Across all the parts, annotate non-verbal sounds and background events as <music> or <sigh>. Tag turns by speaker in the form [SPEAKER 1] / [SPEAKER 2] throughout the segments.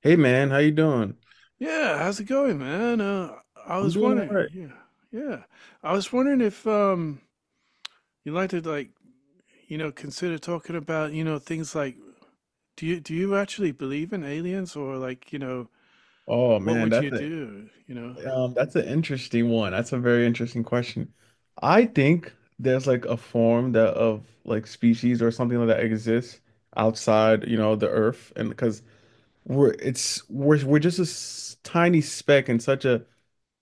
[SPEAKER 1] Hey man, how you doing?
[SPEAKER 2] Yeah, how's it going, man? I
[SPEAKER 1] I'm
[SPEAKER 2] was
[SPEAKER 1] doing all
[SPEAKER 2] wondering,
[SPEAKER 1] right.
[SPEAKER 2] yeah, yeah. I was wondering if you'd like to like, consider talking about, things like do you actually believe in aliens or like, you know,
[SPEAKER 1] Oh
[SPEAKER 2] what
[SPEAKER 1] man,
[SPEAKER 2] would you
[SPEAKER 1] that's a
[SPEAKER 2] do, you know?
[SPEAKER 1] that's an interesting one. That's a very interesting question. I think there's like a form that of like species or something like that exists outside, you know, the earth. And because we're it's we're just a s- tiny speck in such a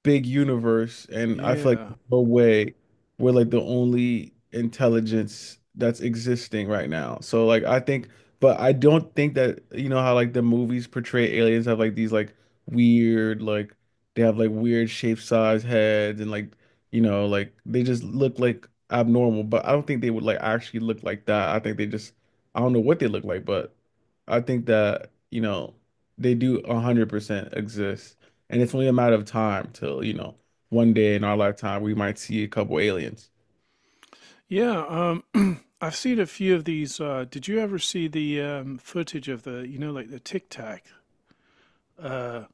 [SPEAKER 1] big universe, and I feel like
[SPEAKER 2] Yeah.
[SPEAKER 1] there's no way we're like the only intelligence that's existing right now. So like I think, but I don't think that you know how like the movies portray aliens have like these like weird like they have like weird shape size heads and like you know like they just look like abnormal. But I don't think they would like actually look like that. I think they just I don't know what they look like, but I think that you know they do 100% exist. And it's only a matter of time till, you know, one day in our lifetime we might see a couple aliens.
[SPEAKER 2] Yeah, <clears throat> I've seen a few of these did you ever see the footage of the, like the Tic Tac? Uh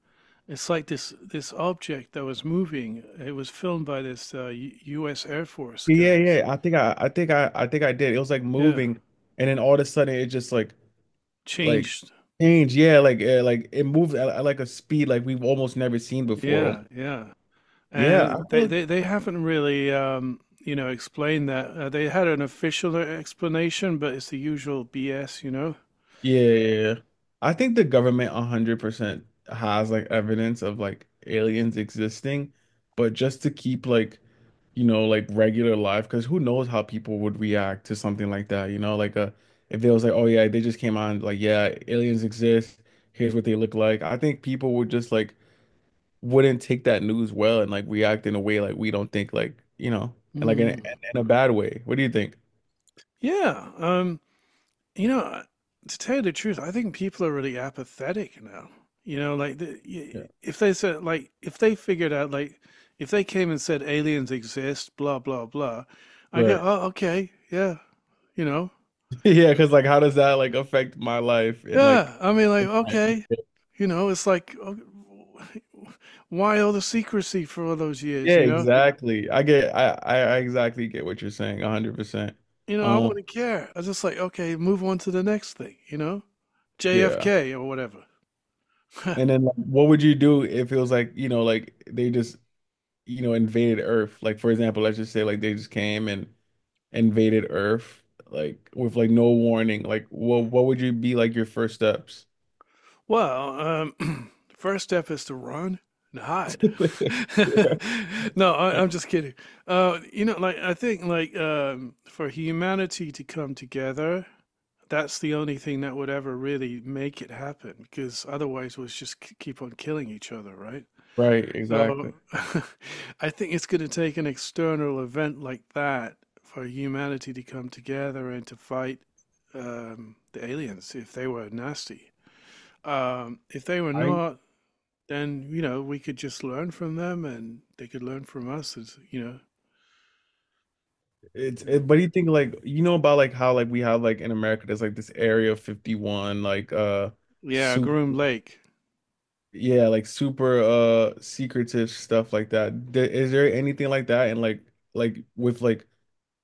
[SPEAKER 2] it's like this object that was moving. It was filmed by this U US Air Force
[SPEAKER 1] Yeah,
[SPEAKER 2] guys.
[SPEAKER 1] yeah. I think I think I think I did. It was like
[SPEAKER 2] Yeah.
[SPEAKER 1] moving and then all of a sudden it just like
[SPEAKER 2] Changed.
[SPEAKER 1] changed. Yeah, like it moved at like a speed like we've almost never seen before. Almo-
[SPEAKER 2] Yeah, yeah.
[SPEAKER 1] Yeah,
[SPEAKER 2] And
[SPEAKER 1] I feel
[SPEAKER 2] they,
[SPEAKER 1] like
[SPEAKER 2] they, they haven't really, explained that. They had an official explanation, but it's the usual BS, you know?
[SPEAKER 1] yeah. I think the government 100% has like evidence of like aliens existing, but just to keep like you know, like regular life, because who knows how people would react to something like that, you know, like if they was like, oh yeah, they just came on, like, yeah, aliens exist, here's what they look like. I think people would just like wouldn't take that news well and like react in a way like we don't think like, you know, and like in
[SPEAKER 2] Mm.
[SPEAKER 1] in a bad way. What do you think?
[SPEAKER 2] Yeah. You know, uh, to tell you the truth, I think people are really apathetic now. You know, like
[SPEAKER 1] Yeah.
[SPEAKER 2] if they said, like, if they figured out, like, if they came and said aliens exist, blah, blah, blah, I go,
[SPEAKER 1] Right. <laughs>
[SPEAKER 2] oh, okay, yeah, you know,
[SPEAKER 1] Yeah, because like how does that like affect my life and like
[SPEAKER 2] yeah, I mean, like,
[SPEAKER 1] in my-
[SPEAKER 2] okay, it's like, why all the secrecy for all those years?
[SPEAKER 1] yeah, exactly. I exactly get what you're saying, 100%.
[SPEAKER 2] I
[SPEAKER 1] Um,
[SPEAKER 2] wouldn't care. I was just like, okay, move on to the next thing.
[SPEAKER 1] yeah.
[SPEAKER 2] JFK or whatever. <laughs>
[SPEAKER 1] And then like, what would you do if it was like, you know, like they just, you know, invaded Earth? Like for example, let's just say like they just came and invaded Earth like with like no warning. Like what would you be like your first steps?
[SPEAKER 2] Well, <clears throat> the first step is to run and hide.
[SPEAKER 1] <laughs>
[SPEAKER 2] <laughs> No, I'm just kidding. Like I think, like for humanity to come together, that's the only thing that would ever really make it happen. Because otherwise, we'll just keep on killing each other, right?
[SPEAKER 1] Right,
[SPEAKER 2] So,
[SPEAKER 1] exactly.
[SPEAKER 2] <laughs> I think it's going to take an external event like that for humanity to come together and to fight the aliens if they were nasty. If they were
[SPEAKER 1] I
[SPEAKER 2] not, then we could just learn from them, and they could learn from us. As you know,
[SPEAKER 1] it's
[SPEAKER 2] Yeah.
[SPEAKER 1] it, but you think like you know about like how like we have like in America there's like this Area 51 like
[SPEAKER 2] yeah,
[SPEAKER 1] super
[SPEAKER 2] Groom Lake,
[SPEAKER 1] yeah like super secretive stuff like that. Th- Is there anything like that and like with like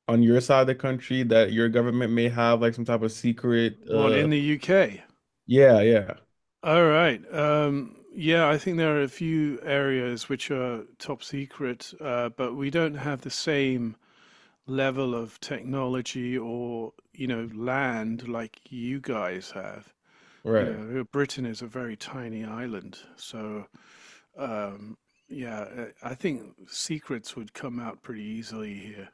[SPEAKER 1] on your side of the country that your government may have like some type of secret
[SPEAKER 2] one in the UK.
[SPEAKER 1] yeah yeah
[SPEAKER 2] All right. Yeah, I think there are a few areas which are top secret, but we don't have the same level of technology or land like you guys have.
[SPEAKER 1] right.
[SPEAKER 2] Britain is a very tiny island. So, Um, yeah, I think secrets would come out pretty easily here,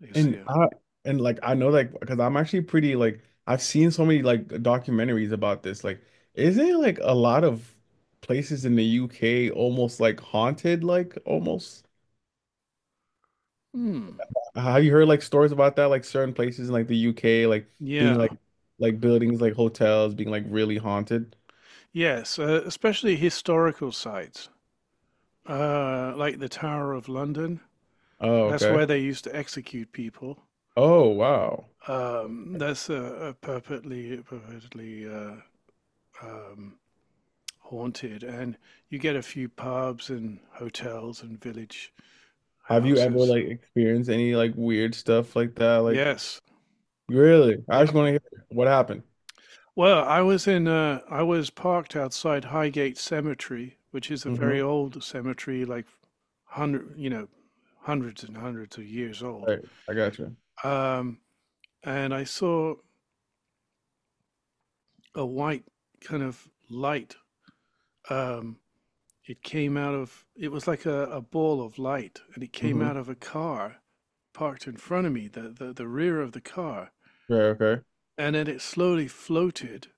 [SPEAKER 2] is
[SPEAKER 1] and
[SPEAKER 2] here.
[SPEAKER 1] I and like I know like because I'm actually pretty like I've seen so many like documentaries about this like isn't it, like a lot of places in the UK almost like haunted like almost
[SPEAKER 2] Hmm.
[SPEAKER 1] have you heard like stories about that like certain places in like the UK like being
[SPEAKER 2] Yeah.
[SPEAKER 1] like buildings like hotels being like really haunted
[SPEAKER 2] Yes, especially historical sites, like the Tower of London.
[SPEAKER 1] oh
[SPEAKER 2] That's
[SPEAKER 1] okay
[SPEAKER 2] where they used to execute people.
[SPEAKER 1] oh wow.
[SPEAKER 2] That's purportedly uh, um, haunted, and you get a few pubs and hotels and village
[SPEAKER 1] Have you ever
[SPEAKER 2] houses.
[SPEAKER 1] like experienced any like weird stuff like that? Like
[SPEAKER 2] Yes.
[SPEAKER 1] really? I
[SPEAKER 2] Yeah.
[SPEAKER 1] just want to hear what happened.
[SPEAKER 2] Well, I was in I was parked outside Highgate Cemetery, which is a very
[SPEAKER 1] Mm-hmm.
[SPEAKER 2] old cemetery, like hundred, you know, hundreds and hundreds of years old.
[SPEAKER 1] Right. I got you.
[SPEAKER 2] Um, and I saw a white kind of light. Um, it came out of it was like a ball of light, and it came
[SPEAKER 1] Mm-hmm.
[SPEAKER 2] out of a car parked in front of me, the rear of the car,
[SPEAKER 1] Right, okay.
[SPEAKER 2] and then it slowly floated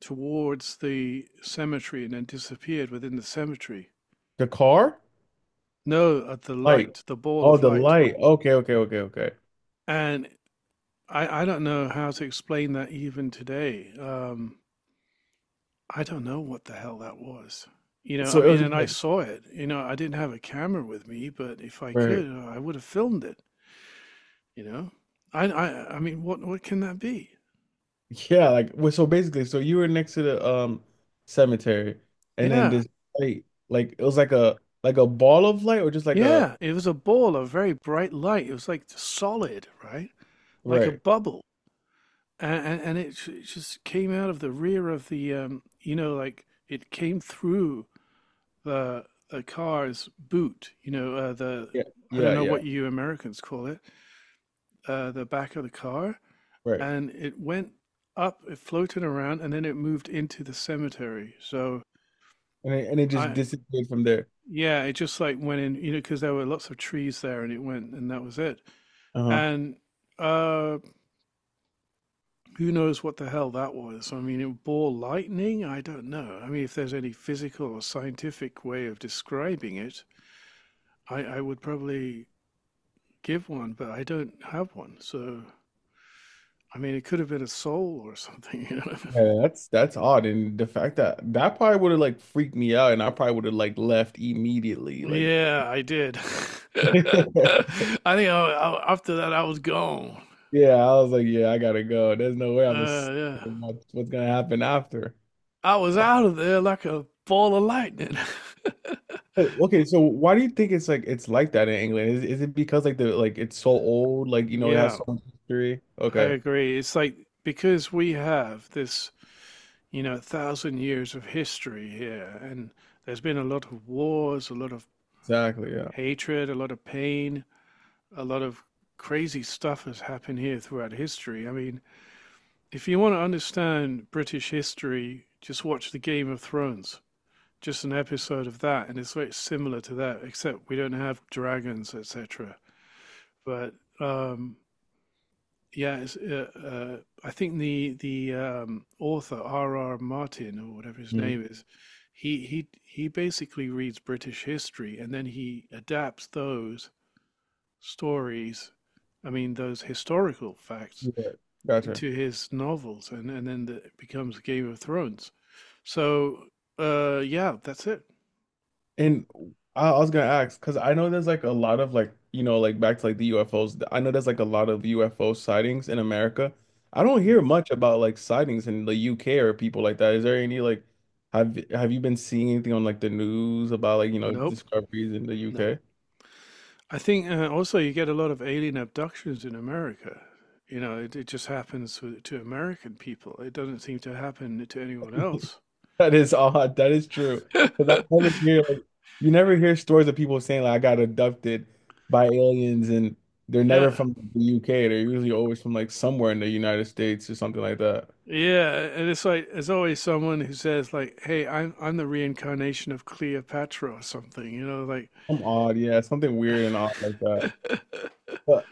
[SPEAKER 2] towards the cemetery and then disappeared within the cemetery.
[SPEAKER 1] The car?
[SPEAKER 2] No, at the
[SPEAKER 1] Light.
[SPEAKER 2] light, the ball
[SPEAKER 1] Oh,
[SPEAKER 2] of
[SPEAKER 1] the
[SPEAKER 2] light.
[SPEAKER 1] light. Okay, okay, okay, okay.
[SPEAKER 2] And I don't know how to explain that even today. I don't know what the hell that was. I
[SPEAKER 1] So it
[SPEAKER 2] mean,
[SPEAKER 1] was
[SPEAKER 2] and
[SPEAKER 1] just
[SPEAKER 2] I
[SPEAKER 1] like
[SPEAKER 2] saw it. I didn't have a camera with me, but if I could,
[SPEAKER 1] right.
[SPEAKER 2] I would have filmed it, you know? I mean, what can that be?
[SPEAKER 1] Yeah, like well, so basically, so you were next to the cemetery and then
[SPEAKER 2] Yeah,
[SPEAKER 1] this light, like it was like a ball of light or just like a
[SPEAKER 2] yeah. It was a ball of very bright light. It was like solid, right? Like a
[SPEAKER 1] right.
[SPEAKER 2] bubble. And it just came out of the rear of the, like it came through the the car's boot. You know, the
[SPEAKER 1] Yeah,
[SPEAKER 2] I
[SPEAKER 1] yeah,
[SPEAKER 2] don't know
[SPEAKER 1] yeah.
[SPEAKER 2] what you Americans call it, the back of the car,
[SPEAKER 1] Right.
[SPEAKER 2] and it went up, it floated around, and then it moved into the cemetery. So
[SPEAKER 1] And it just
[SPEAKER 2] I,
[SPEAKER 1] disappeared from there.
[SPEAKER 2] yeah, it just like went in, because there were lots of trees there, and it went, and that was it.
[SPEAKER 1] Uh-huh.
[SPEAKER 2] And uh, who knows what the hell that was? I mean, it bore lightning. I don't know. I mean, if there's any physical or scientific way of describing it, I would probably give one, but I don't have one. So, I mean, it could have been a soul or something. You know? <laughs>
[SPEAKER 1] Yeah, that's odd, and the fact that that probably would have like freaked me out, and I probably would have like left immediately. Like,
[SPEAKER 2] Yeah, I did. <laughs>
[SPEAKER 1] <laughs>
[SPEAKER 2] I think after that, I was gone.
[SPEAKER 1] yeah, I was like, yeah, I gotta go. There's no way I'm gonna
[SPEAKER 2] Uh,
[SPEAKER 1] see
[SPEAKER 2] yeah,
[SPEAKER 1] what- what's gonna happen after.
[SPEAKER 2] I was
[SPEAKER 1] Wha-
[SPEAKER 2] out of there like a ball of lightning. <laughs>
[SPEAKER 1] Okay, so why do you think it's like that in England? Is it because like the like it's so old, like you know, it has
[SPEAKER 2] Yeah,
[SPEAKER 1] so much history?
[SPEAKER 2] I
[SPEAKER 1] Okay,
[SPEAKER 2] agree. It's like because we have this, thousand years of history here, and there's been a lot of wars, a lot of
[SPEAKER 1] exactly. Yeah.
[SPEAKER 2] hatred, a lot of pain. A lot of crazy stuff has happened here throughout history. I mean, if you want to understand British history, just watch the Game of Thrones, just an episode of that, and it's very similar to that, except we don't have dragons, etc. But um, yeah, it's, I think the author R. R. Martin or whatever his
[SPEAKER 1] Mhm.
[SPEAKER 2] name is, he basically reads British history and then he adapts those stories, I mean those historical facts,
[SPEAKER 1] Yeah. Gotcha.
[SPEAKER 2] into his novels, and then it becomes Game of Thrones. So yeah, that's it.
[SPEAKER 1] And I was gonna ask because I know there's like a lot of like you know like back to like the UFOs. I know there's like a lot of UFO sightings in America. I don't hear
[SPEAKER 2] Mm.
[SPEAKER 1] much about like sightings in the UK or people like that. Is there any like have you been seeing anything on like the news about like you know
[SPEAKER 2] Nope,
[SPEAKER 1] discoveries in the
[SPEAKER 2] nope.
[SPEAKER 1] UK? <laughs>
[SPEAKER 2] I think also you get a lot of alien abductions in America. It just happens to American people. It doesn't seem to happen to anyone else.
[SPEAKER 1] That is odd. That is true. Because I never hear like, you never hear stories of people saying like I got abducted by aliens and they're never
[SPEAKER 2] Yeah.
[SPEAKER 1] from the UK. They're usually always from like somewhere in the United States or something like that.
[SPEAKER 2] Yeah, and it's like there's always someone who says like, "Hey, I'm the reincarnation of Cleopatra or something,"
[SPEAKER 1] Some odd, yeah, something weird and odd like that. But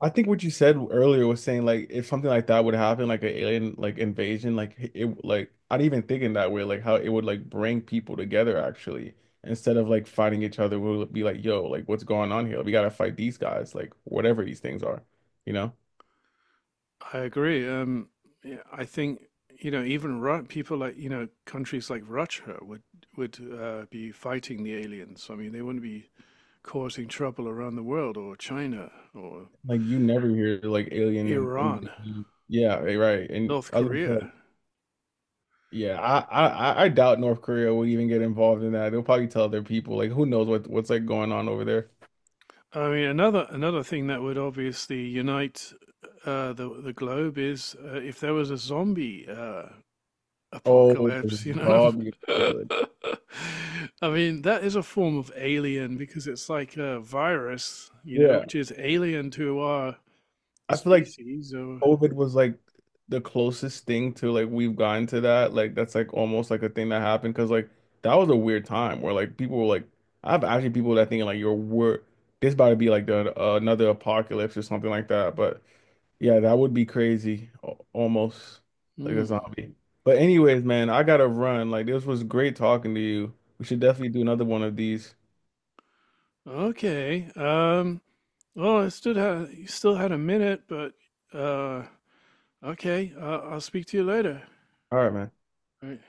[SPEAKER 1] I think what you said earlier was saying like if something like that would happen, like an alien like invasion, like it like I didn't even think in that way, like how it would like bring people together actually. Instead of like fighting each other, we'll be like, yo, like what's going on here? We gotta fight these guys, like whatever these things are, you know?
[SPEAKER 2] I agree. Yeah, I think even Ru people like countries like Russia would be fighting the aliens. I mean, they wouldn't be causing trouble around the world, or China, or
[SPEAKER 1] Like you never hear like alien
[SPEAKER 2] Iran,
[SPEAKER 1] invasion. Yeah, right. right, And
[SPEAKER 2] North
[SPEAKER 1] other
[SPEAKER 2] Korea.
[SPEAKER 1] Yeah, I doubt North Korea would even get involved in that. They'll probably tell their people, like, who knows what's like going on over there.
[SPEAKER 2] I mean, another thing that would obviously unite the globe is if there was a zombie
[SPEAKER 1] Oh,
[SPEAKER 2] apocalypse.
[SPEAKER 1] zombie
[SPEAKER 2] <laughs>
[SPEAKER 1] apocalypse.
[SPEAKER 2] I mean, that is a form of alien because it's like a virus,
[SPEAKER 1] Yeah,
[SPEAKER 2] which is alien to our
[SPEAKER 1] I feel like
[SPEAKER 2] species. Or
[SPEAKER 1] COVID was like the closest thing to like we've gotten to that. Like that's like almost like a thing that happened because like that was a weird time where like people were like, I have actually people that think like you're wor this about to be like the, another apocalypse or something like that. But yeah, that would be crazy. Al- Almost like a
[SPEAKER 2] Hmm.
[SPEAKER 1] zombie. But anyways, man, I gotta run. Like this was great talking to you. We should definitely do another one of these.
[SPEAKER 2] Okay, well, I stood had you still had a minute, but uh, okay, I'll speak to you later.
[SPEAKER 1] All right, man.
[SPEAKER 2] All right.